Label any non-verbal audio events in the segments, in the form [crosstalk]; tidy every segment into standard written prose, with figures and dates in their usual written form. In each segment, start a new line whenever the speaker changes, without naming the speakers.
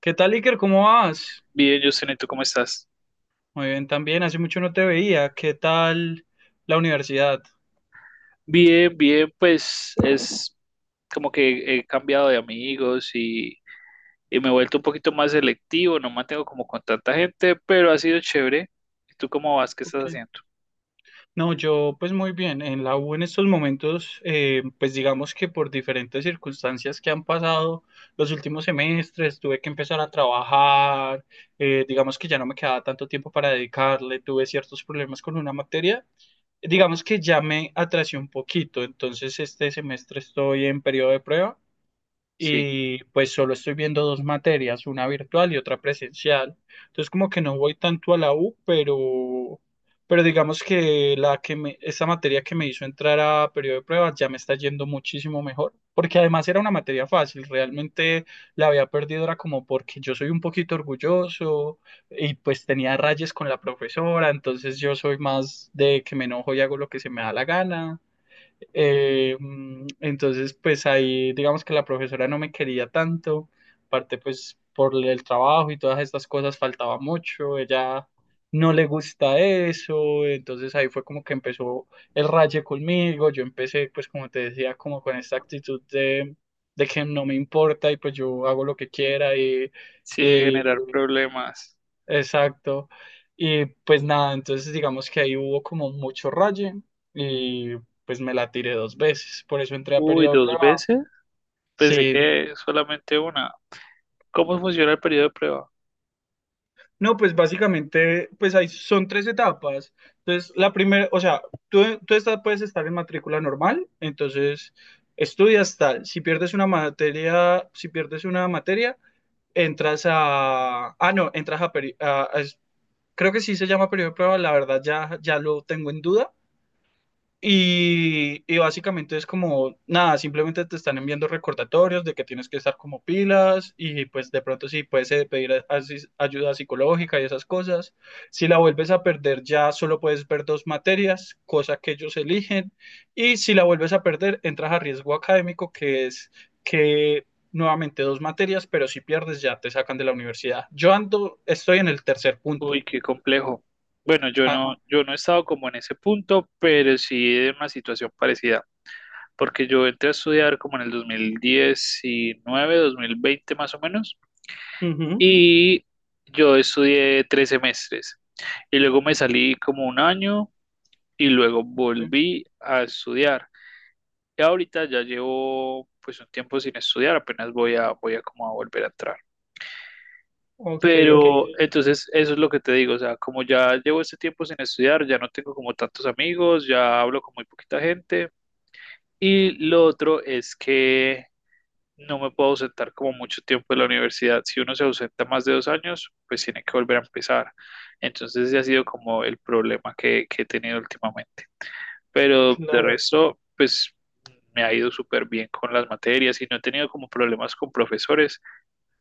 ¿Qué tal, Iker? ¿Cómo vas?
Bien, Justin, ¿y tú cómo estás?
Muy bien, también. Hace mucho no te veía. ¿Qué tal la universidad?
Bien, bien, pues es como que he cambiado de amigos y me he vuelto un poquito más selectivo, no mantengo como con tanta gente, pero ha sido chévere. ¿Y tú cómo vas? ¿Qué estás
Ok.
haciendo?
No, yo pues muy bien. En la U en estos momentos, pues digamos que por diferentes circunstancias que han pasado los últimos semestres, tuve que empezar a trabajar, digamos que ya no me quedaba tanto tiempo para dedicarle, tuve ciertos problemas con una materia. Digamos que ya me atrasé un poquito, entonces este semestre estoy en periodo de prueba.
Sí,
Y pues solo estoy viendo dos materias, una virtual y otra presencial. Entonces como que no voy tanto a la U, pero digamos que, la que me, esa materia que me hizo entrar a periodo de pruebas ya me está yendo muchísimo mejor, porque además era una materia fácil, realmente la había perdido, era como porque yo soy un poquito orgulloso y pues tenía rayes con la profesora, entonces yo soy más de que me enojo y hago lo que se me da la gana. Entonces, pues ahí digamos que la profesora no me quería tanto, aparte pues por el trabajo y todas estas cosas faltaba mucho, ella no le gusta eso, entonces ahí fue como que empezó el raye conmigo, yo empecé pues como te decía, como con esta actitud de que no me importa y pues yo hago lo que quiera y,
sí, de generar problemas.
exacto. Y pues nada, entonces digamos que ahí hubo como mucho raye y pues me la tiré dos veces, por eso entré a
Uy,
periodo de
dos
prueba.
veces. Pensé
Sí,
que solamente una. ¿Cómo funciona el periodo de prueba?
no, pues básicamente pues ahí son tres etapas. Entonces la primera, o sea, tú estás, puedes estar en matrícula normal, entonces estudias tal, si pierdes una materia, si pierdes una materia, entras a, ah no, entras a, creo que sí se llama periodo de prueba, la verdad ya, ya lo tengo en duda. Y básicamente es como, nada, simplemente te están enviando recordatorios de que tienes que estar como pilas y pues de pronto sí puedes, pedir ayuda psicológica y esas cosas. Si la vuelves a perder ya solo puedes ver dos materias, cosa que ellos eligen. Y si la vuelves a perder, entras a riesgo académico, que es que nuevamente dos materias, pero si pierdes ya te sacan de la universidad. Yo ando, estoy en el tercer
Uy,
punto.
qué complejo. Bueno, yo no,
Ajá,
yo no he estado como en ese punto, pero sí en una situación parecida. Porque yo entré a estudiar como en el 2019, 2020 más o menos,
ujú,
y yo estudié 3 semestres y luego me salí como un año y luego
ok,
volví a estudiar. Y ahorita ya llevo pues un tiempo sin estudiar, apenas voy a como a volver a entrar.
ok, ok,
Pero entonces eso es lo que te digo, o sea, como ya llevo este tiempo sin estudiar, ya no tengo como tantos amigos, ya hablo con muy poquita gente. Y lo otro es que no me puedo ausentar como mucho tiempo de la universidad. Si uno se ausenta más de 2 años, pues tiene que volver a empezar. Entonces ese ha sido como el problema que he tenido últimamente. Pero de
claro,
resto, pues me ha ido súper bien con las materias y no he tenido como problemas con profesores,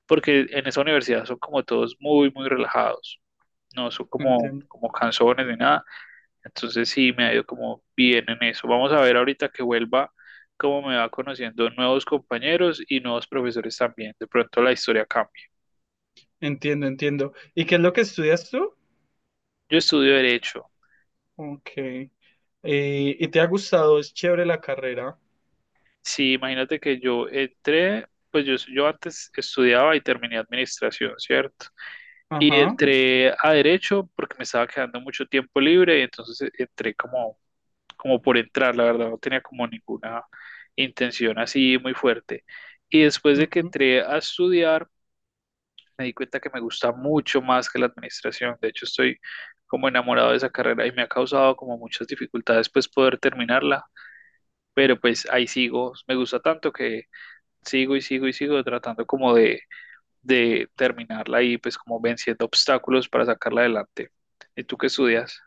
porque en esa universidad son como todos muy, muy relajados. No son como,
entiendo.
cansones ni nada. Entonces sí, me ha ido como bien en eso. Vamos a ver ahorita que vuelva cómo me va conociendo nuevos compañeros y nuevos profesores también. De pronto la historia cambia.
Entiendo, entiendo. ¿Y qué es lo que estudias tú?
Yo estudio derecho.
Ok. ¿Y te ha gustado? Es chévere la carrera.
Sí, imagínate que yo entré, pues yo antes estudiaba y terminé administración, ¿cierto? Y
Ajá,
entré a derecho porque me estaba quedando mucho tiempo libre y entonces entré como, como por entrar, la verdad, no tenía como ninguna intención así muy fuerte. Y después de que
ujú.
entré a estudiar, me di cuenta que me gusta mucho más que la administración. De hecho, estoy como enamorado de esa carrera y me ha causado como muchas dificultades pues poder terminarla, pero pues ahí sigo, me gusta tanto que sigo y sigo y sigo tratando como de terminarla y pues como venciendo obstáculos para sacarla adelante. ¿Y tú qué estudias?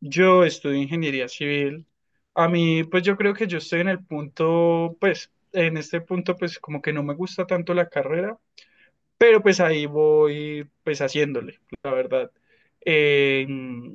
Yo estudio ingeniería civil. A mí, pues yo creo que yo estoy en el punto, pues, en este punto, pues como que no me gusta tanto la carrera. Pero pues ahí voy pues haciéndole, la verdad. Eh,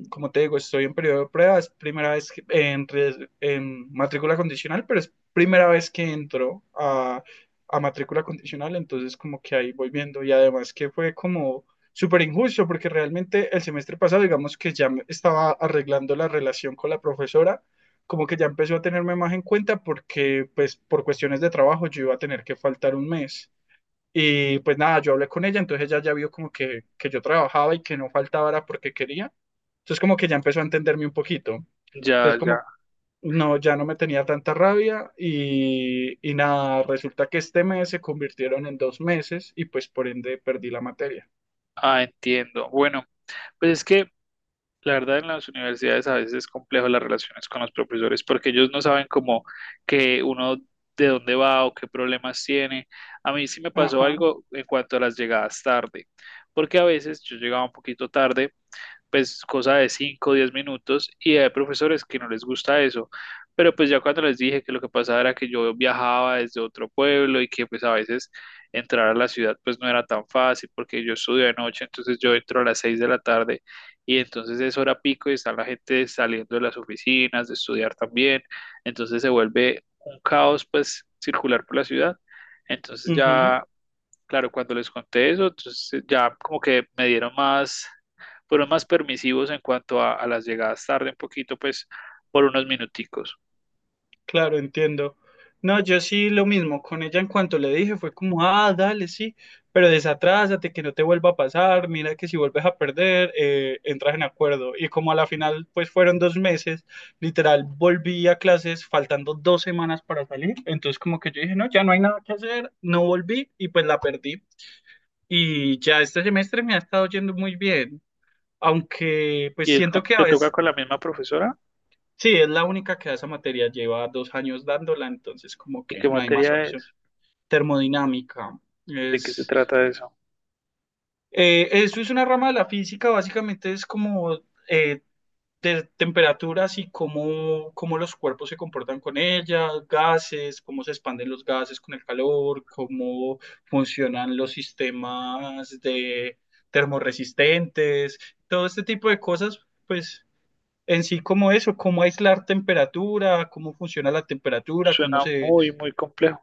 Como te digo, estoy en periodo de prueba, es primera vez que- en matrícula condicional, pero es primera vez que entro a matrícula condicional, entonces como que ahí voy viendo y además que fue como súper injusto porque realmente el semestre pasado, digamos que ya me estaba arreglando la relación con la profesora, como que ya empezó a tenerme más en cuenta porque pues por cuestiones de trabajo yo iba a tener que faltar un mes. Y pues nada, yo hablé con ella, entonces ella ya vio como que yo trabajaba y que no faltaba era porque quería. Entonces como que ya empezó a entenderme un poquito.
Ya,
Entonces
ya.
como no, ya no me tenía tanta rabia y nada, resulta que este mes se convirtieron en 2 meses y pues por ende perdí la materia.
Ah, entiendo. Bueno, pues es que la verdad, en las universidades a veces es complejo las relaciones con los profesores porque ellos no saben cómo que uno de dónde va o qué problemas tiene. A mí sí me pasó
Ajá,
algo en cuanto a las llegadas tarde, porque a veces yo llegaba un poquito tarde pues cosa de 5 o 10 minutos y hay profesores que no les gusta eso. Pero pues ya cuando les dije que lo que pasaba era que yo viajaba desde otro pueblo y que pues a veces entrar a la ciudad pues no era tan fácil porque yo estudio de noche, entonces yo entro a las 6 de la tarde y entonces es hora pico y está la gente saliendo de las oficinas, de estudiar también, entonces se vuelve un caos pues circular por la ciudad. Entonces
ujú.
ya, claro, cuando les conté eso, entonces ya como que me dieron más, fueron más permisivos en cuanto a las llegadas tarde un poquito, pues por unos minuticos.
Claro, entiendo. No, yo sí lo mismo con ella en cuanto le dije, fue como, ah, dale, sí, pero desatrásate, que no te vuelva a pasar, mira que si vuelves a perder, entras en acuerdo. Y como a la final, pues fueron 2 meses, literal, volví a clases faltando 2 semanas para salir, entonces como que yo dije, no, ya no hay nada que hacer, no volví y pues la perdí. Y ya este semestre me ha estado yendo muy bien, aunque pues
¿Y es
siento que a
te toca
veces
con la misma profesora?
sí, es la única que da esa materia, lleva 2 años dándola, entonces como
¿Y
que
qué
no hay más
materia
opción.
es?
Termodinámica.
¿De qué se
Es,
trata eso?
eso es una rama de la física, básicamente es como eh, de temperaturas y cómo los cuerpos se comportan con ellas, gases, cómo se expanden los gases con el calor, cómo funcionan los sistemas de termorresistentes, todo este tipo de cosas, pues en sí como eso, cómo aislar temperatura, cómo funciona la temperatura, cómo
Suena
se
muy, muy complejo.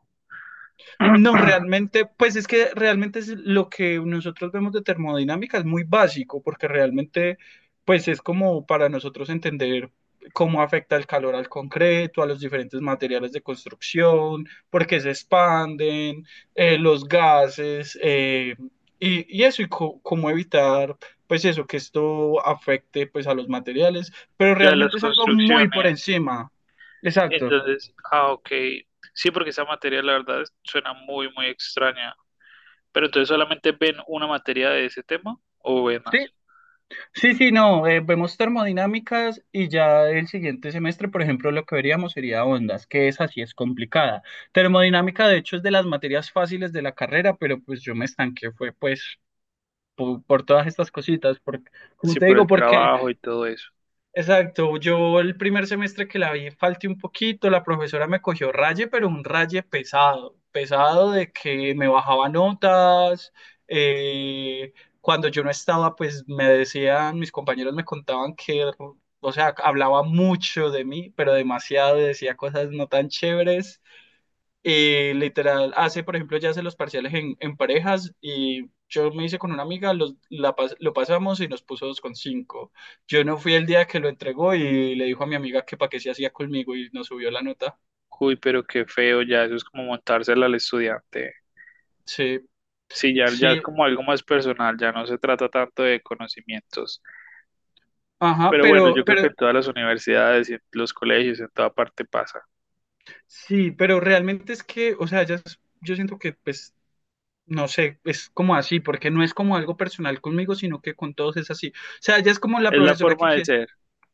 no,
[clears throat]
realmente, pues es que realmente es lo que nosotros vemos de termodinámica es muy básico, porque realmente, pues es como para nosotros entender cómo afecta el calor al concreto, a los diferentes materiales de construcción, por qué se expanden, los gases, y eso, y cómo evitar, pues eso, que esto afecte, pues a los materiales, pero
Ya las
realmente es algo muy por
construcciones.
encima. Exacto.
Entonces, ah, ok. Sí, porque esa materia la verdad suena muy, muy extraña. Pero entonces solamente ven una materia de ese tema o ven
Sí,
más.
sí, sí, no, vemos termodinámicas y ya el siguiente semestre, por ejemplo, lo que veríamos sería ondas, que esa sí es complicada. Termodinámica, de hecho, es de las materias fáciles de la carrera, pero pues yo me estanqué, fue pues por, todas estas cositas, por, como
Sí,
te
por
digo,
el
porque
trabajo y todo eso.
exacto, yo el primer semestre que la vi falté un poquito, la profesora me cogió raye, pero un raye pesado, pesado de que me bajaba notas, eh, cuando yo no estaba, pues me decían, mis compañeros me contaban que, o sea, hablaba mucho de mí, pero demasiado, decía cosas no tan chéveres, y literal, hace, por ejemplo, ya hace los parciales en parejas y yo me hice con una amiga, los, lo pasamos y nos puso 2,5. Yo no fui el día que lo entregó y le dijo a mi amiga que para qué se hacía conmigo y nos subió la nota.
Uy, pero qué feo, ya eso es como montársela al estudiante.
Sí,
Sí, ya, ya es
sí,
como algo más personal, ya no se trata tanto de conocimientos.
ajá,
Pero bueno,
pero,
yo creo que
pero,
en todas las universidades y en los colegios, en toda parte pasa.
sí, pero realmente es que, o sea, ya es- yo siento que, pues, no sé, es como así, porque no es como algo personal conmigo, sino que con todos es así. O sea, ya es como la
Es la
profesora que
forma de
quiere
ser,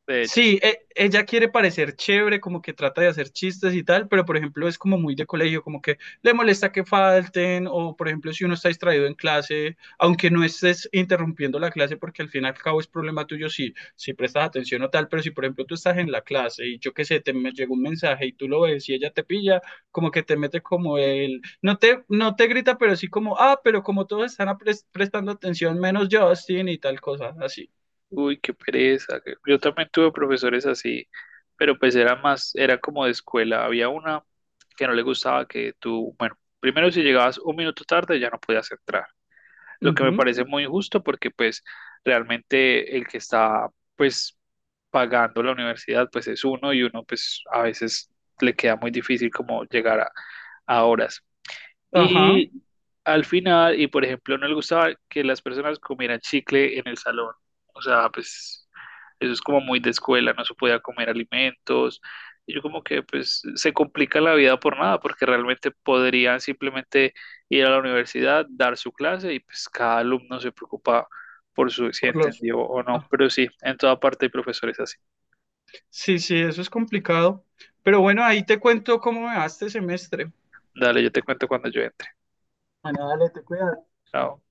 de hecho.
sí, ella quiere parecer chévere, como que trata de hacer chistes y tal, pero por ejemplo es como muy de colegio, como que le molesta que falten, o por ejemplo si uno está distraído en clase, aunque no estés interrumpiendo la clase, porque al fin y al cabo es problema tuyo si prestas atención o tal, pero si por ejemplo tú estás en la clase y yo qué sé, te me llegó un mensaje y tú lo ves y ella te pilla, como que te mete como el, no te grita, pero sí como, ah, pero como todos están prestando atención, menos Justin y tal cosa, así.
Uy, qué pereza. Yo también tuve profesores así, pero pues era más, era como de escuela. Había una que no le gustaba que tú, bueno, primero si llegabas un minuto tarde ya no podías entrar. Lo que me
Ujú,
parece muy injusto porque pues realmente el que está pues pagando la universidad pues es uno y uno pues a veces le queda muy difícil como llegar a horas.
ajá.
Y al final, y por ejemplo, no le gustaba que las personas comieran chicle en el salón. O sea, pues eso es como muy de escuela, no se podía comer alimentos. Y yo como que pues se complica la vida por nada, porque realmente podrían simplemente ir a la universidad, dar su clase y pues cada alumno se preocupa por su si
Por los...
entendió o no.
ah,
Pero sí, en toda parte hay profesores así.
sí, sí, eso es complicado. Pero bueno, ahí te cuento cómo me va este semestre.
Dale, yo te cuento cuando yo entre.
Bueno, dale, te cuidas.
Chao.